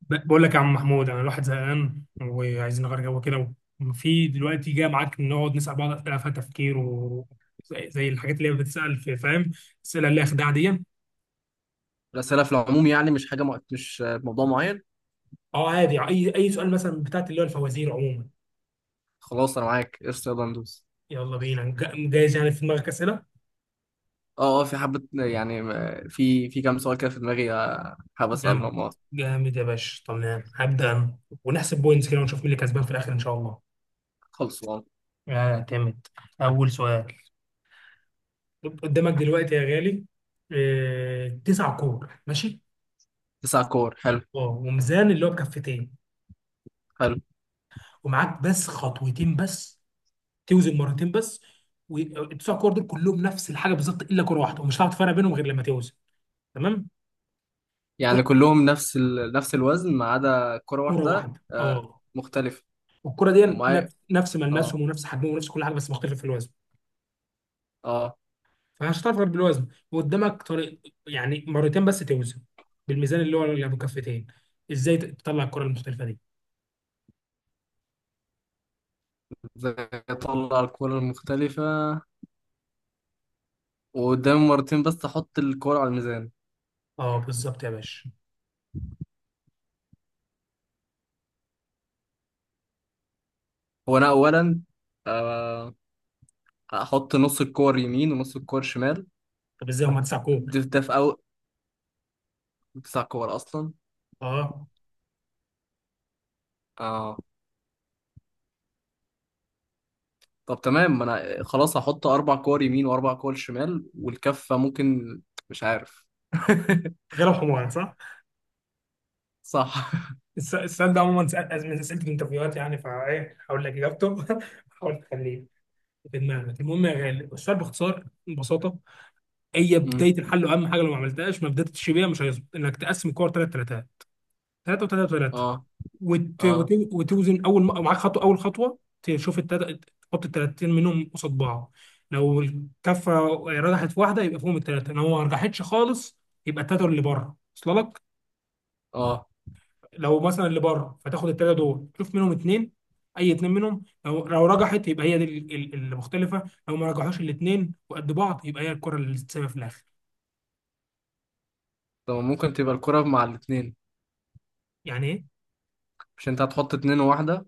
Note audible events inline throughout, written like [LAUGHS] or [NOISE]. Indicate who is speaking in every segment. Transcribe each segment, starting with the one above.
Speaker 1: بقول لك يا عم محمود، انا الواحد زهقان وعايزين نغير جو كده. وفي دلوقتي جاي معاك نقعد نسال بعض اسئله فيها تفكير، و زي الحاجات اللي هي بتتسال في، فاهم؟ الاسئله اللي هي خداع دي.
Speaker 2: الأسئلة في العموم يعني مش حاجة مش موضوع معين.
Speaker 1: اه عادي، اي سؤال مثلا، بتاعت اللي هو الفوازير عموما.
Speaker 2: خلاص، أنا معاك قشطة، يلا ندوس.
Speaker 1: يلا بينا، جاهز يعني؟ في دماغك اسئله؟
Speaker 2: اه، اه، في حبة يعني في كام سؤال كده في دماغي، حابب
Speaker 1: جامد،
Speaker 2: أسألهم. اه.
Speaker 1: جامد يا باشا. تمام، هبدا انا، ونحسب بوينتس كده ونشوف مين اللي كسبان في الاخر ان شاء الله.
Speaker 2: خلص. اه.
Speaker 1: اعتمد. اول سؤال، قدامك دلوقتي يا غالي، آه، تسع كور، ماشي؟
Speaker 2: 9 كور. حلو.
Speaker 1: اه، وميزان اللي هو بكفتين.
Speaker 2: حلو،
Speaker 1: ومعاك بس خطوتين بس، توزن مرتين بس. والتسع كور دول كلهم نفس الحاجه بالظبط، الا كره واحده، ومش هتعرف تفرق بينهم غير لما توزن. تمام؟
Speaker 2: يعني
Speaker 1: كر-
Speaker 2: كلهم نفس نفس الوزن ما عدا كرة
Speaker 1: كره
Speaker 2: واحدة
Speaker 1: واحده، اه.
Speaker 2: مختلفة.
Speaker 1: والكره دي
Speaker 2: ومعايا.
Speaker 1: نفس
Speaker 2: اه.
Speaker 1: ملمسهم، ونفس حجمهم، ونفس كل حاجه، بس مختلف في الوزن.
Speaker 2: اه.
Speaker 1: فمش هتعرف غير بالوزن، وقدامك طريق، يعني مرتين بس توزن بالميزان اللي هو اللي بكفتين. ازاي تطلع الكره المختلفه دي؟
Speaker 2: ازاي اطلع الكرة المختلفة وقدامي مرتين بس احط الكرة على الميزان؟
Speaker 1: اه بالظبط يا باشا.
Speaker 2: هو انا اولا، آه، هحط نص الكور يمين ونص الكور شمال.
Speaker 1: طب ازاي؟ هم تسع كور،
Speaker 2: ده في أول 9 كور أصلا.
Speaker 1: اه.
Speaker 2: اه. طب تمام، ما أنا خلاص هحط 4 كور يمين وأربع كور شمال والكفة ممكن. مش عارف. [LAUGHS]
Speaker 1: غير الحمار، صح.
Speaker 2: صح.
Speaker 1: السؤال ده عموما، من اسئله الانترفيوهات يعني، فايه هقول لك اجابته. [LAUGHS] هحاول تخليه في دماغك. المهم يا غالي، السؤال باختصار ببساطه، هي
Speaker 2: مم.
Speaker 1: بدايه الحل واهم حاجه، لو ما عملتهاش ما بداتش بيها، مش هيظبط، انك تقسم الكور ثلاث ثلاثات. ثلاثه وثلاثه وثلاثه.
Speaker 2: اه. اه.
Speaker 1: وتوزن اول معاك خطوه، اول خطوه تشوف تحط الثلاثتين منهم قصاد بعض. لو الكفه رجحت في واحده، يبقى فيهم الثلاثه. لو ما رجحتش خالص، يبقى الثلاثه اللي بره، وصل لك؟
Speaker 2: اه.
Speaker 1: لو مثلا اللي بره، فتاخد الثلاثه دول تشوف منهم اثنين، اي اثنين منهم. لو رجحت، يبقى هي دي اللي مختلفه. لو ما رجحوش الاثنين وقد بعض، يبقى هي الكره اللي تتسابق في الاخر.
Speaker 2: طب ممكن تبقى الكرة مع الاتنين؟
Speaker 1: يعني ايه؟
Speaker 2: مش انت هتحط اتنين وواحدة؟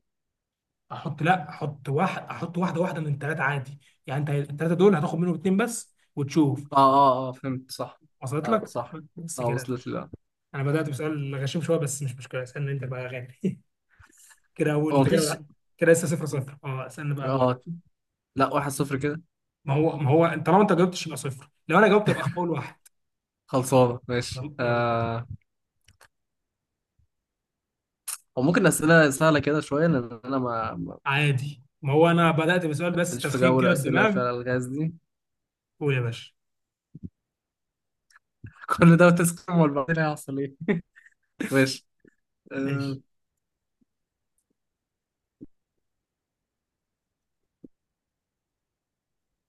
Speaker 1: احط، لا احط واحد، احط واحده من الثلاثه عادي. يعني انت الثلاثه دول هتاخد منهم اثنين بس وتشوف.
Speaker 2: اه، اه، اه، فهمت صح.
Speaker 1: وصلت
Speaker 2: آه،
Speaker 1: لك؟
Speaker 2: صح.
Speaker 1: بس
Speaker 2: اه،
Speaker 1: كده.
Speaker 2: وصلت لي، لا.
Speaker 1: انا بدات بسؤال غشيم شويه، بس مش مشكله، اسالني انت بقى يا غالي. [LAUGHS] كده،
Speaker 2: هو
Speaker 1: وانت
Speaker 2: مفيش.
Speaker 1: كده، كده لسه صفر صفر. اه اسالني بقى، دورك.
Speaker 2: اه، لا، 1-0 كده.
Speaker 1: ما هو طالما انت جاوبتش يبقى صفر، لو انا جاوبت يبقى اول واحد.
Speaker 2: خلصانة، ماشي،
Speaker 1: يلا يلا.
Speaker 2: آه. هو ممكن أسئلة سهلة كده شوية لأن أنا
Speaker 1: عادي، ما هو انا بدأت بسؤال بس
Speaker 2: ماليش في
Speaker 1: تسخين
Speaker 2: جو
Speaker 1: كده
Speaker 2: الأسئلة
Speaker 1: الدماغ.
Speaker 2: فيها الألغاز دي.
Speaker 1: قول يا باشا.
Speaker 2: كل ده وتسخن، امال بعدين هيحصل ايه؟ ماشي. أه.
Speaker 1: ماشي.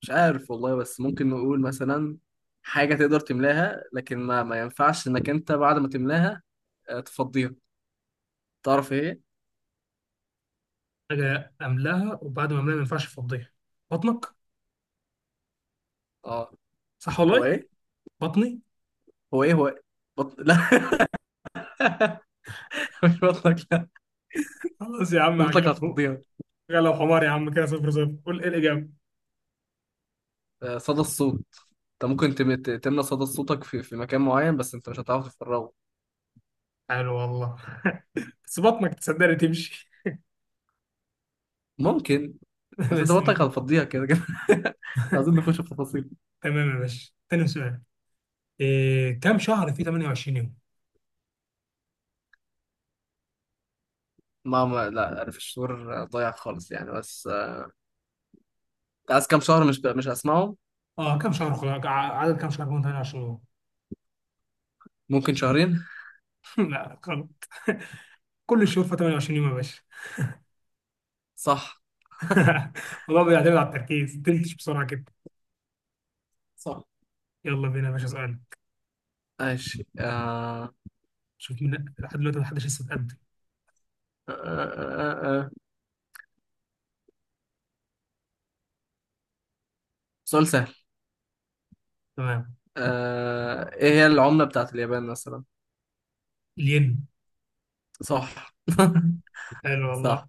Speaker 2: مش عارف والله، بس ممكن نقول مثلا حاجة تقدر تملاها لكن ما ينفعش انك انت بعد ما تملاها تفضيها. تعرف ايه؟
Speaker 1: حاجة أملاها، وبعد ما أملاها ما ينفعش أفضيها؟ بطنك.
Speaker 2: اه،
Speaker 1: صح
Speaker 2: هو
Speaker 1: والله.
Speaker 2: ايه،
Speaker 1: بطني.
Speaker 2: هو ايه، هو إيه؟ لا. [LAUGHS] مش بطلك، لا.
Speaker 1: خلاص يا عم،
Speaker 2: بطلك
Speaker 1: عجبك؟
Speaker 2: هتفضيها.
Speaker 1: لو حمار يا عم كده صفر صفر، قول إيه الإجابة.
Speaker 2: صدى الصوت. انت ممكن تملى صدى صوتك في مكان معين بس انت مش هتعرف تفرغه.
Speaker 1: حلو والله، بس بطنك تصدقني تمشي.
Speaker 2: ممكن.
Speaker 1: [LAUGHS]
Speaker 2: بس انت
Speaker 1: بس
Speaker 2: بطلك
Speaker 1: تمام.
Speaker 2: هتفضيها كده كده. [LAUGHS] مش عايزين نخش في تفاصيل.
Speaker 1: تمام يا باشا، تاني سؤال. إيه كم شهر في 28 يوم؟
Speaker 2: ما ما لا، انا في الشعور ضايع خالص يعني، بس. عايز كام شهر؟ مش هسمعه.
Speaker 1: اه كم شهر، خلاص، عدد كم شهر من 28 يوم؟
Speaker 2: ممكن شهرين.
Speaker 1: [LAUGHS] لا غلط. كل الشهور في 28 يوم يا باشا.
Speaker 2: صح،
Speaker 1: [LAUGHS] والله بيعتمد على التركيز، تنتش بسرعة كده.
Speaker 2: صح،
Speaker 1: يلا بينا يا باشا، اسألك.
Speaker 2: ماشي. آه.
Speaker 1: شوف مين لحد دلوقتي محدش لسه اتقدم.
Speaker 2: آه. آه. آه. آه. سؤال سهل.
Speaker 1: تمام.
Speaker 2: ايه هي العملة بتاعت اليابان مثلا؟
Speaker 1: الين.
Speaker 2: صح. [LAUGHS]
Speaker 1: حلو والله.
Speaker 2: صح.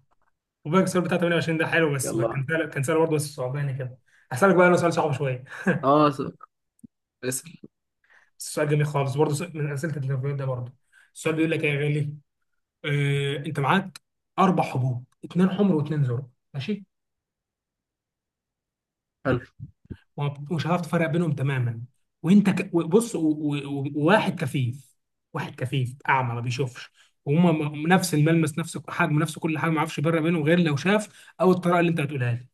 Speaker 1: وبقى السؤال بتاع 28 ده حلو، بس بقى
Speaker 2: يلا،
Speaker 1: كان سهل، كان سهل برضه، بس صعباني كده. هسألك بقى انا سؤال صعب شويه،
Speaker 2: اه، اسأل.
Speaker 1: بس سؤال جميل خالص برضه، من اسئله التدريبات ده برضه. السؤال بيقول لك ايه يا غالي؟ آه، انت معاك اربع حبوب، اثنين حمر واثنين زرق، ماشي؟
Speaker 2: حلو.
Speaker 1: ومش هتعرف تفرق بينهم تماما. وانت ك... بص و... و... و- وواحد كفيف. واحد كفيف اعمى ما بيشوفش. وهما نفس الملمس، نفس حجم، نفس كل حاجه، ما يعرفش يفرق بينهم غير لو شاف، او الطريقه اللي انت بتقولها لي.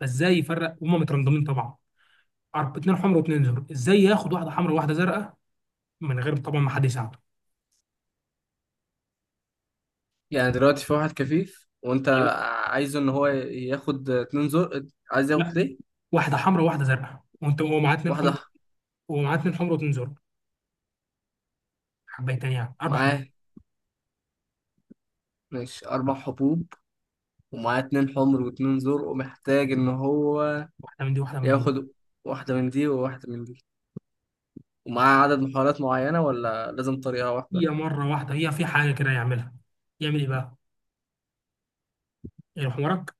Speaker 1: فازاي يفرق وهما مترندمين طبعا؟ اتنين حمر واتنين زرق، ازاي ياخد واحده حمرا وواحده زرقاء، من غير طبعا ما حد يساعده.
Speaker 2: يعني دلوقتي في واحد كفيف وانت
Speaker 1: أيوة.
Speaker 2: عايزه ان هو ياخد 2 زر. عايز ياخد
Speaker 1: لا،
Speaker 2: ليه؟
Speaker 1: واحده حمرا وواحده زرقاء. وانت هو معاه اتنين حمر.
Speaker 2: واحدة.
Speaker 1: هو معاه اتنين حمر واتنين زرق، حبيتين يعني، اربع حمر.
Speaker 2: معاه. ماشي 4 حبوب. ومعاه 2 حمر واتنين زر ومحتاج إن هو
Speaker 1: واحده من دي، واحده من دي.
Speaker 2: ياخد واحدة من دي وواحدة من دي. ومعاه عدد محاولات معينة ولا لازم طريقة واحدة؟
Speaker 1: هي مره واحده، هي في حاجه كده يعملها. يعمل ايه بقى؟ يعني حمارك.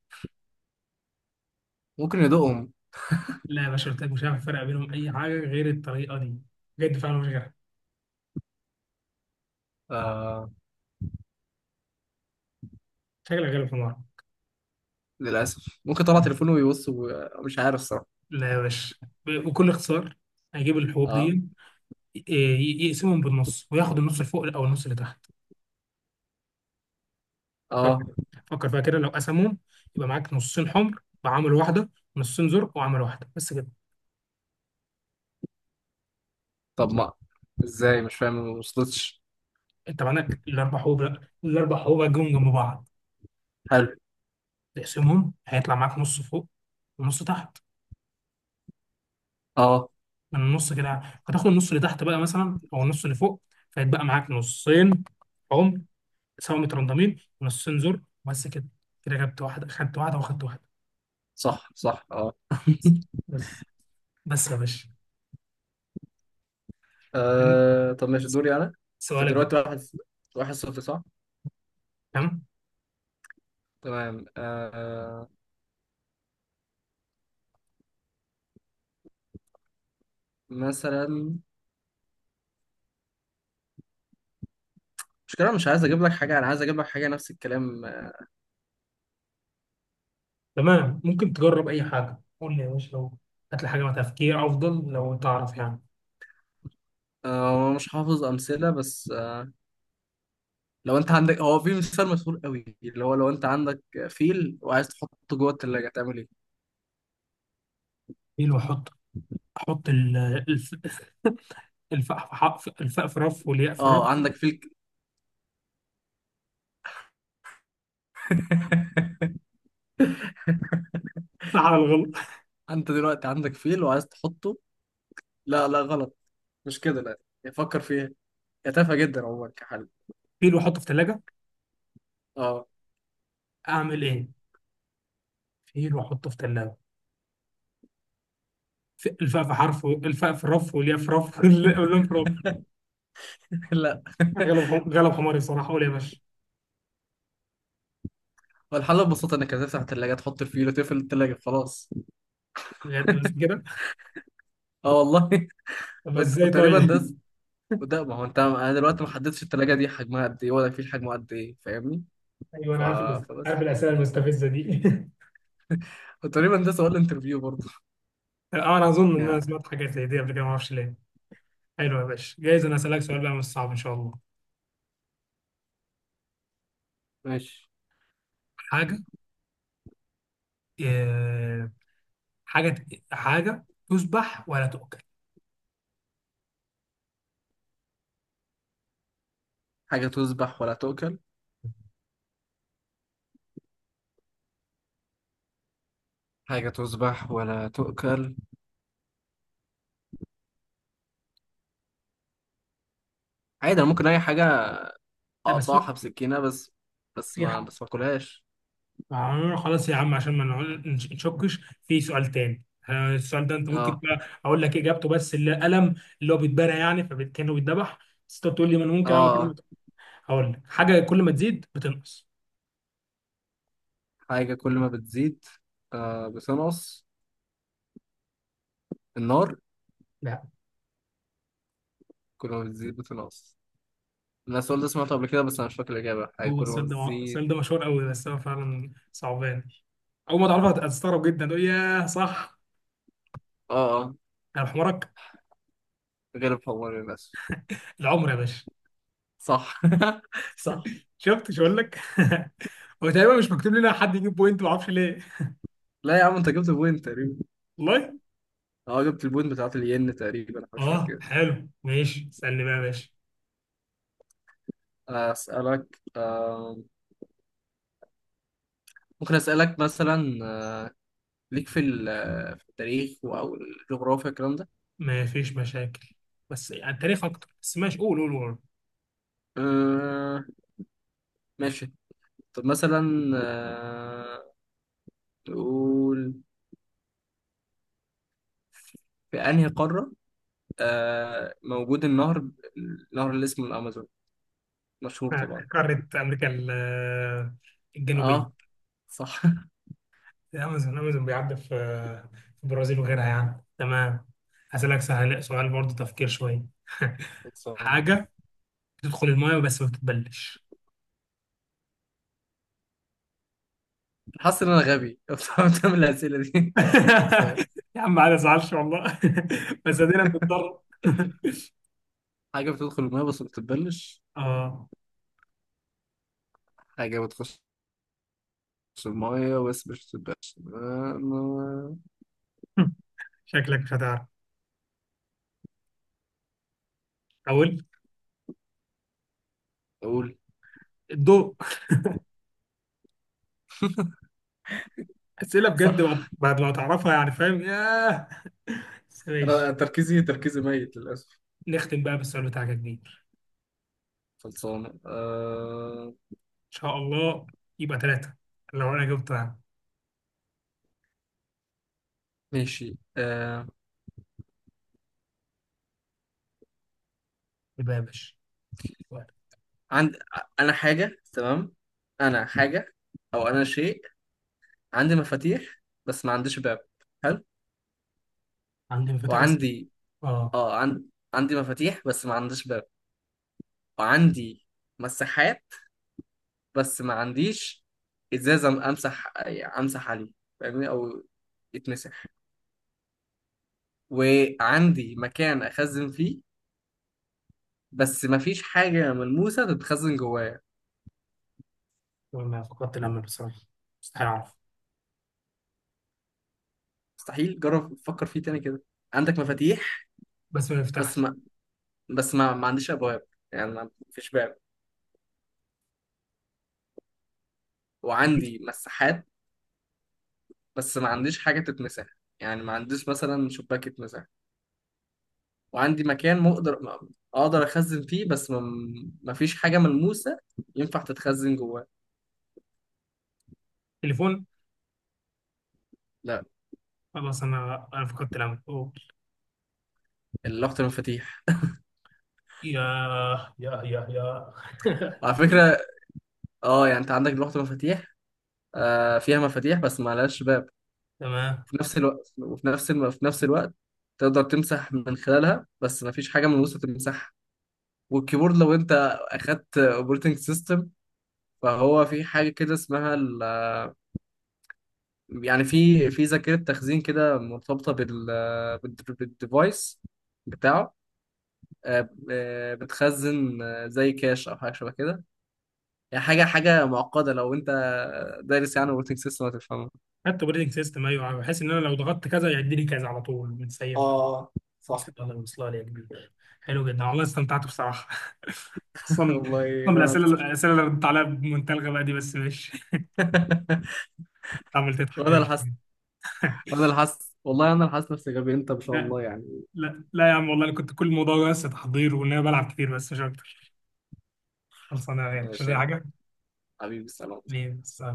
Speaker 2: ممكن يدوقهم.
Speaker 1: لا يا باشا، قلت لك مش هعرف افرق بينهم اي حاجه غير الطريقه دي، بجد فعلا مش غيرها.
Speaker 2: آه
Speaker 1: شكلك غير الحمار.
Speaker 2: للأسف ممكن طلع تليفونه ويبص مش عارف صراحة.
Speaker 1: لا يا باشا، بكل اختصار، هيجيب الحبوب دي،
Speaker 2: اه،
Speaker 1: يقسمهم بالنص وياخد النص اللي فوق او النص اللي تحت.
Speaker 2: اه،
Speaker 1: فكر، فكر فيها كده. لو قسمهم، يبقى معاك نصين حمر وعامل واحده، نصين زرق وعامل واحده، بس كده.
Speaker 2: طب ما ازاي؟ مش فاهم، ما وصلتش.
Speaker 1: انت معاك الاربع حبوب، لا الاربع حبوب هتجيبهم جنب بعض،
Speaker 2: حلو.
Speaker 1: تقسمهم، هيطلع معاك نص فوق ونص تحت،
Speaker 2: اه،
Speaker 1: من النص كده. فتاخد النص اللي تحت بقى مثلا، او النص اللي فوق. فيتبقى معاك نصين عمر سوا مترندمين، ونصين زر، بس كده. كده جبت واحده، خدت واحده، واخدت واحده.
Speaker 2: صح، صح، اه.
Speaker 1: بس. بس بس يا باشا،
Speaker 2: آه. طب ماشي، دوري أنا. انت
Speaker 1: سؤالك بقى.
Speaker 2: دلوقتي واحد صفر، صح؟
Speaker 1: تمام.
Speaker 2: تمام. آه. مثلا، مش كده، مش عايز اجيب لك حاجة، انا عايز اجيب لك حاجة نفس الكلام.
Speaker 1: تمام، ممكن تجرب اي حاجه، قول لي يا باشا، لو هات لي حاجه مع تفكير افضل لو تعرف يعني.
Speaker 2: مش حافظ امثلة، بس لو انت عندك هو في مثال مشهور قوي، اللي هو لو انت عندك فيل وعايز تحطه جوه التلاجة، تعمل ايه؟
Speaker 1: ايه؟ لو احط، احط الف، الفاء في رف، والياء في رف.
Speaker 2: اه، عندك
Speaker 1: [LAUGHS]
Speaker 2: فيل [LAUGHS]
Speaker 1: صح على الغلط.
Speaker 2: انت دلوقتي عندك فيل وعايز تحطه. لا، لا، غلط، مش كده، لا. يعني فكر فيها، هي تافهة جدا عموما كحل.
Speaker 1: فيل واحطه في ثلاجه،
Speaker 2: اه.
Speaker 1: اعمل ايه؟ فيل واحطه في ثلاجه، الفاء في رف، والياء في رف، [LAUGHS] واللام في رف.
Speaker 2: [LAUGHS] لا. [LAUGHS]
Speaker 1: غلب حماري بصراحه، قول يا باشا.
Speaker 2: هو الحل ببساطة انك هتفتح التلاجة، تحط الفيل، وتقفل التلاجة. خلاص.
Speaker 1: بجد بس كده؟
Speaker 2: اه والله. [LAUGHS]
Speaker 1: طب ازاي
Speaker 2: وتقريبا
Speaker 1: طيب؟ [LAUGHS]
Speaker 2: وده، ما هو انت، انا دلوقتي ما حددتش التلاجة دي حجمها قد ايه ولا الفيل حجمه قد ايه، فاهمني؟
Speaker 1: ايوه
Speaker 2: ف...
Speaker 1: انا عارف،
Speaker 2: فبس.
Speaker 1: عارف الاسئله المستفزه دي.
Speaker 2: وتقريبا ده سؤال انترفيو برضه.
Speaker 1: [LAUGHS] اه انا
Speaker 2: [LAUGHS]
Speaker 1: اظن ان انا
Speaker 2: يعني.
Speaker 1: سمعت حاجات زي دي قبل كده، ما اعرفش ليه. حلو يا باشا، جايز انا اسالك سؤال بقى مش صعب ان شاء الله.
Speaker 2: ماشي.
Speaker 1: حاجه، آه، حاجه، حاجه تذبح ولا تؤكل؟
Speaker 2: حاجة تذبح ولا تؤكل؟ حاجة تذبح ولا تؤكل؟ عادي، أنا ممكن أي حاجة
Speaker 1: لا بس
Speaker 2: أقطعها بسكينة، بس. بس
Speaker 1: في،
Speaker 2: ما بس ما أكلهاش.
Speaker 1: آه، خلاص يا عم عشان ما نقعد- نشكش في سؤال تاني. آه، السؤال ده انت ممكن
Speaker 2: آه.
Speaker 1: بقى اقول لك اجابته، بس القلم، اللي هو بيتبرى يعني، فكانه بيتذبح، بس انت تقول لي ما انا ممكن اعمل
Speaker 2: آه.
Speaker 1: كده.
Speaker 2: آه.
Speaker 1: هقول لك حاجه، كل ما تزيد بتنقص.
Speaker 2: حاجة كل ما بتزيد بتنقص. النار.
Speaker 1: لا.
Speaker 2: كل ما بتزيد بتنقص. أنا السؤال ده سمعته قبل كده بس أنا مش فاكر الإجابة. حاجة
Speaker 1: هو
Speaker 2: كل ما
Speaker 1: السؤال ده
Speaker 2: بتزيد.
Speaker 1: السؤال ده مشهور قوي، بس هو فعلا صعبان. اول ما تعرفها هتستغرب جدا، تقول ياه صح.
Speaker 2: آه. آه.
Speaker 1: انا بحمرك.
Speaker 2: غير الحمار للأسف.
Speaker 1: العمر يا باشا.
Speaker 2: صح. [LAUGHS] صح.
Speaker 1: شفت، مش هقول لك. [LAUGHS] هو تقريبا مش مكتوب لنا حد يجيب بوينت، ما اعرفش ليه.
Speaker 2: لا يا عم، أنت جبت بوينت تقريبا.
Speaker 1: والله.
Speaker 2: اه، جبت البوينت بتاعت الين تقريبا، حاجة شوية
Speaker 1: اه
Speaker 2: كده.
Speaker 1: حلو، ماشي، اسالني بقى يا باشا.
Speaker 2: أسألك، آه. ممكن أسألك مثلا ليك في في التاريخ او الجغرافيا الكلام ده؟
Speaker 1: ما فيش مشاكل، بس يعني تاريخ اكتر، بس ماشي، قول قول.
Speaker 2: آه ماشي. طب مثلا، آه نقول، في انهي قارة موجود النهر، النهر اللي اسمه الامازون، مشهور
Speaker 1: آه،
Speaker 2: طبعا؟
Speaker 1: قارة امريكا آه، الجنوبية.
Speaker 2: اه، صح.
Speaker 1: الامازون، الامازون بيعدي في، في البرازيل وغيرها يعني. تمام. هسألك سهل سؤال برضه، تفكير شوية. [LAUGHS]
Speaker 2: خلصان.
Speaker 1: حاجة تدخل المايه بس ما بتتبلش.
Speaker 2: حاسس ان انا غبي، [LAUGHS] بصراحة، من الاسئله دي.
Speaker 1: [LAUGHS]
Speaker 2: سوري.
Speaker 1: يا عم ما تزعلش والله. [LAUGHS] بس ادينا بنضطر. [LAUGHS]
Speaker 2: حاجه بتدخل الميه بس ما بتتبلش؟
Speaker 1: اه.
Speaker 2: حاجه بتخش الميه بس مش بتتبلش.
Speaker 1: شكلك مش هتعرف. اقول.
Speaker 2: اقول.
Speaker 1: الضوء.
Speaker 2: [LAUGHS]
Speaker 1: اسئله بجد، بعد
Speaker 2: صح.
Speaker 1: بعد ما تعرفها يعني، فاهم ياه. بس
Speaker 2: أنا
Speaker 1: ماشي.
Speaker 2: تركيزي ميت للاسف.
Speaker 1: نختم بقى بالسؤال بتاعك يا كبير.
Speaker 2: خلصانة.
Speaker 1: ان شاء الله. يبقى ثلاثة لو انا جبت،
Speaker 2: ماشي.
Speaker 1: يبقى يا باشا سؤال.
Speaker 2: عند. أنا حاجة. تمام، أنا حاجة أو أنا شيء. عندي مفاتيح بس ما عنديش باب. حلو.
Speaker 1: عندي مفاتيح بس،
Speaker 2: وعندي.
Speaker 1: اه،
Speaker 2: آه عن... عندي مفاتيح بس ما عنديش باب. وعندي مساحات بس ما عنديش إزازة أمسح عليه، فاهمني؟ أو يتمسح. وعندي مكان أخزن فيه بس ما فيش حاجة ملموسة تتخزن جوايا.
Speaker 1: ما فقدت الامل بصراحه، مستحيل اعرف.
Speaker 2: مستحيل. جرب فكر فيه تاني كده. عندك مفاتيح،
Speaker 1: بس ما
Speaker 2: بس
Speaker 1: يفتحش.
Speaker 2: ما بس ما عنديش ابواب، يعني ما فيش باب. وعندي مساحات بس ما عنديش حاجه تتمسح، يعني ما عنديش مثلا شباك يتمسح. وعندي مكان مقدر اقدر اخزن فيه، بس ما فيش حاجه ملموسه ينفع تتخزن جواه.
Speaker 1: تليفون.
Speaker 2: لا.
Speaker 1: خلاص انا، انا فقدت الامل أوه.
Speaker 2: لوحه المفاتيح. [LAUGHS]
Speaker 1: يا يا
Speaker 2: وعلى فكره، اه، يعني انت عندك لوحه مفاتيح فيها مفاتيح بس ما لهاش باب.
Speaker 1: [LAUGHS] تمام.
Speaker 2: في نفس الوقت، في نفس الوقت تقدر تمسح من خلالها بس ما فيش حاجه ملموسه تمسحها. والكيبورد، لو انت اخدت اوبريتنج سيستم، فهو في حاجة كده اسمها يعني في ذاكرة تخزين كده مرتبطة بالديفايس بتاعه. بتخزن، زي كاش أو حاجة شبه كده. يعني حاجة حاجة معقدة، لو أنت دارس يعني اوبريتنج سيستم هتفهمها.
Speaker 1: حتى بريدنج سيستم، ايوه، بحيث ان انا لو ضغطت كذا يعدي لي كذا على طول
Speaker 2: [LAUGHS]
Speaker 1: متسيب.
Speaker 2: اه، صح.
Speaker 1: وصل، الله يوصلها لي يا كبير. حلو انا جدا والله، استمتعت بصراحة. [LAUGHS] اصلا،
Speaker 2: والله،
Speaker 1: أصلاً من
Speaker 2: وأنا
Speaker 1: الاسئله،
Speaker 2: أكتر.
Speaker 1: الاسئله اللي ردت عليها بمنتهى الغباء دي، بس ماشي.
Speaker 2: [LAUGHS]
Speaker 1: عمال تضحك،
Speaker 2: وأنا اللي
Speaker 1: ماشي.
Speaker 2: حاسس، وأنا
Speaker 1: [LAUGHS]
Speaker 2: اللي حاسس والله، أنا اللي حاسس نفسي غبي، أنت ما شاء
Speaker 1: لا،
Speaker 2: الله يعني.
Speaker 1: لا يا عم والله، انا كنت كل الموضوع بس تحضير، وان انا بلعب كتير، بس مش اكتر. خلصانه يعني، مش
Speaker 2: ماشي
Speaker 1: زي
Speaker 2: يعني.
Speaker 1: حاجه.
Speaker 2: حبيبي، السلام.
Speaker 1: ليه بس؟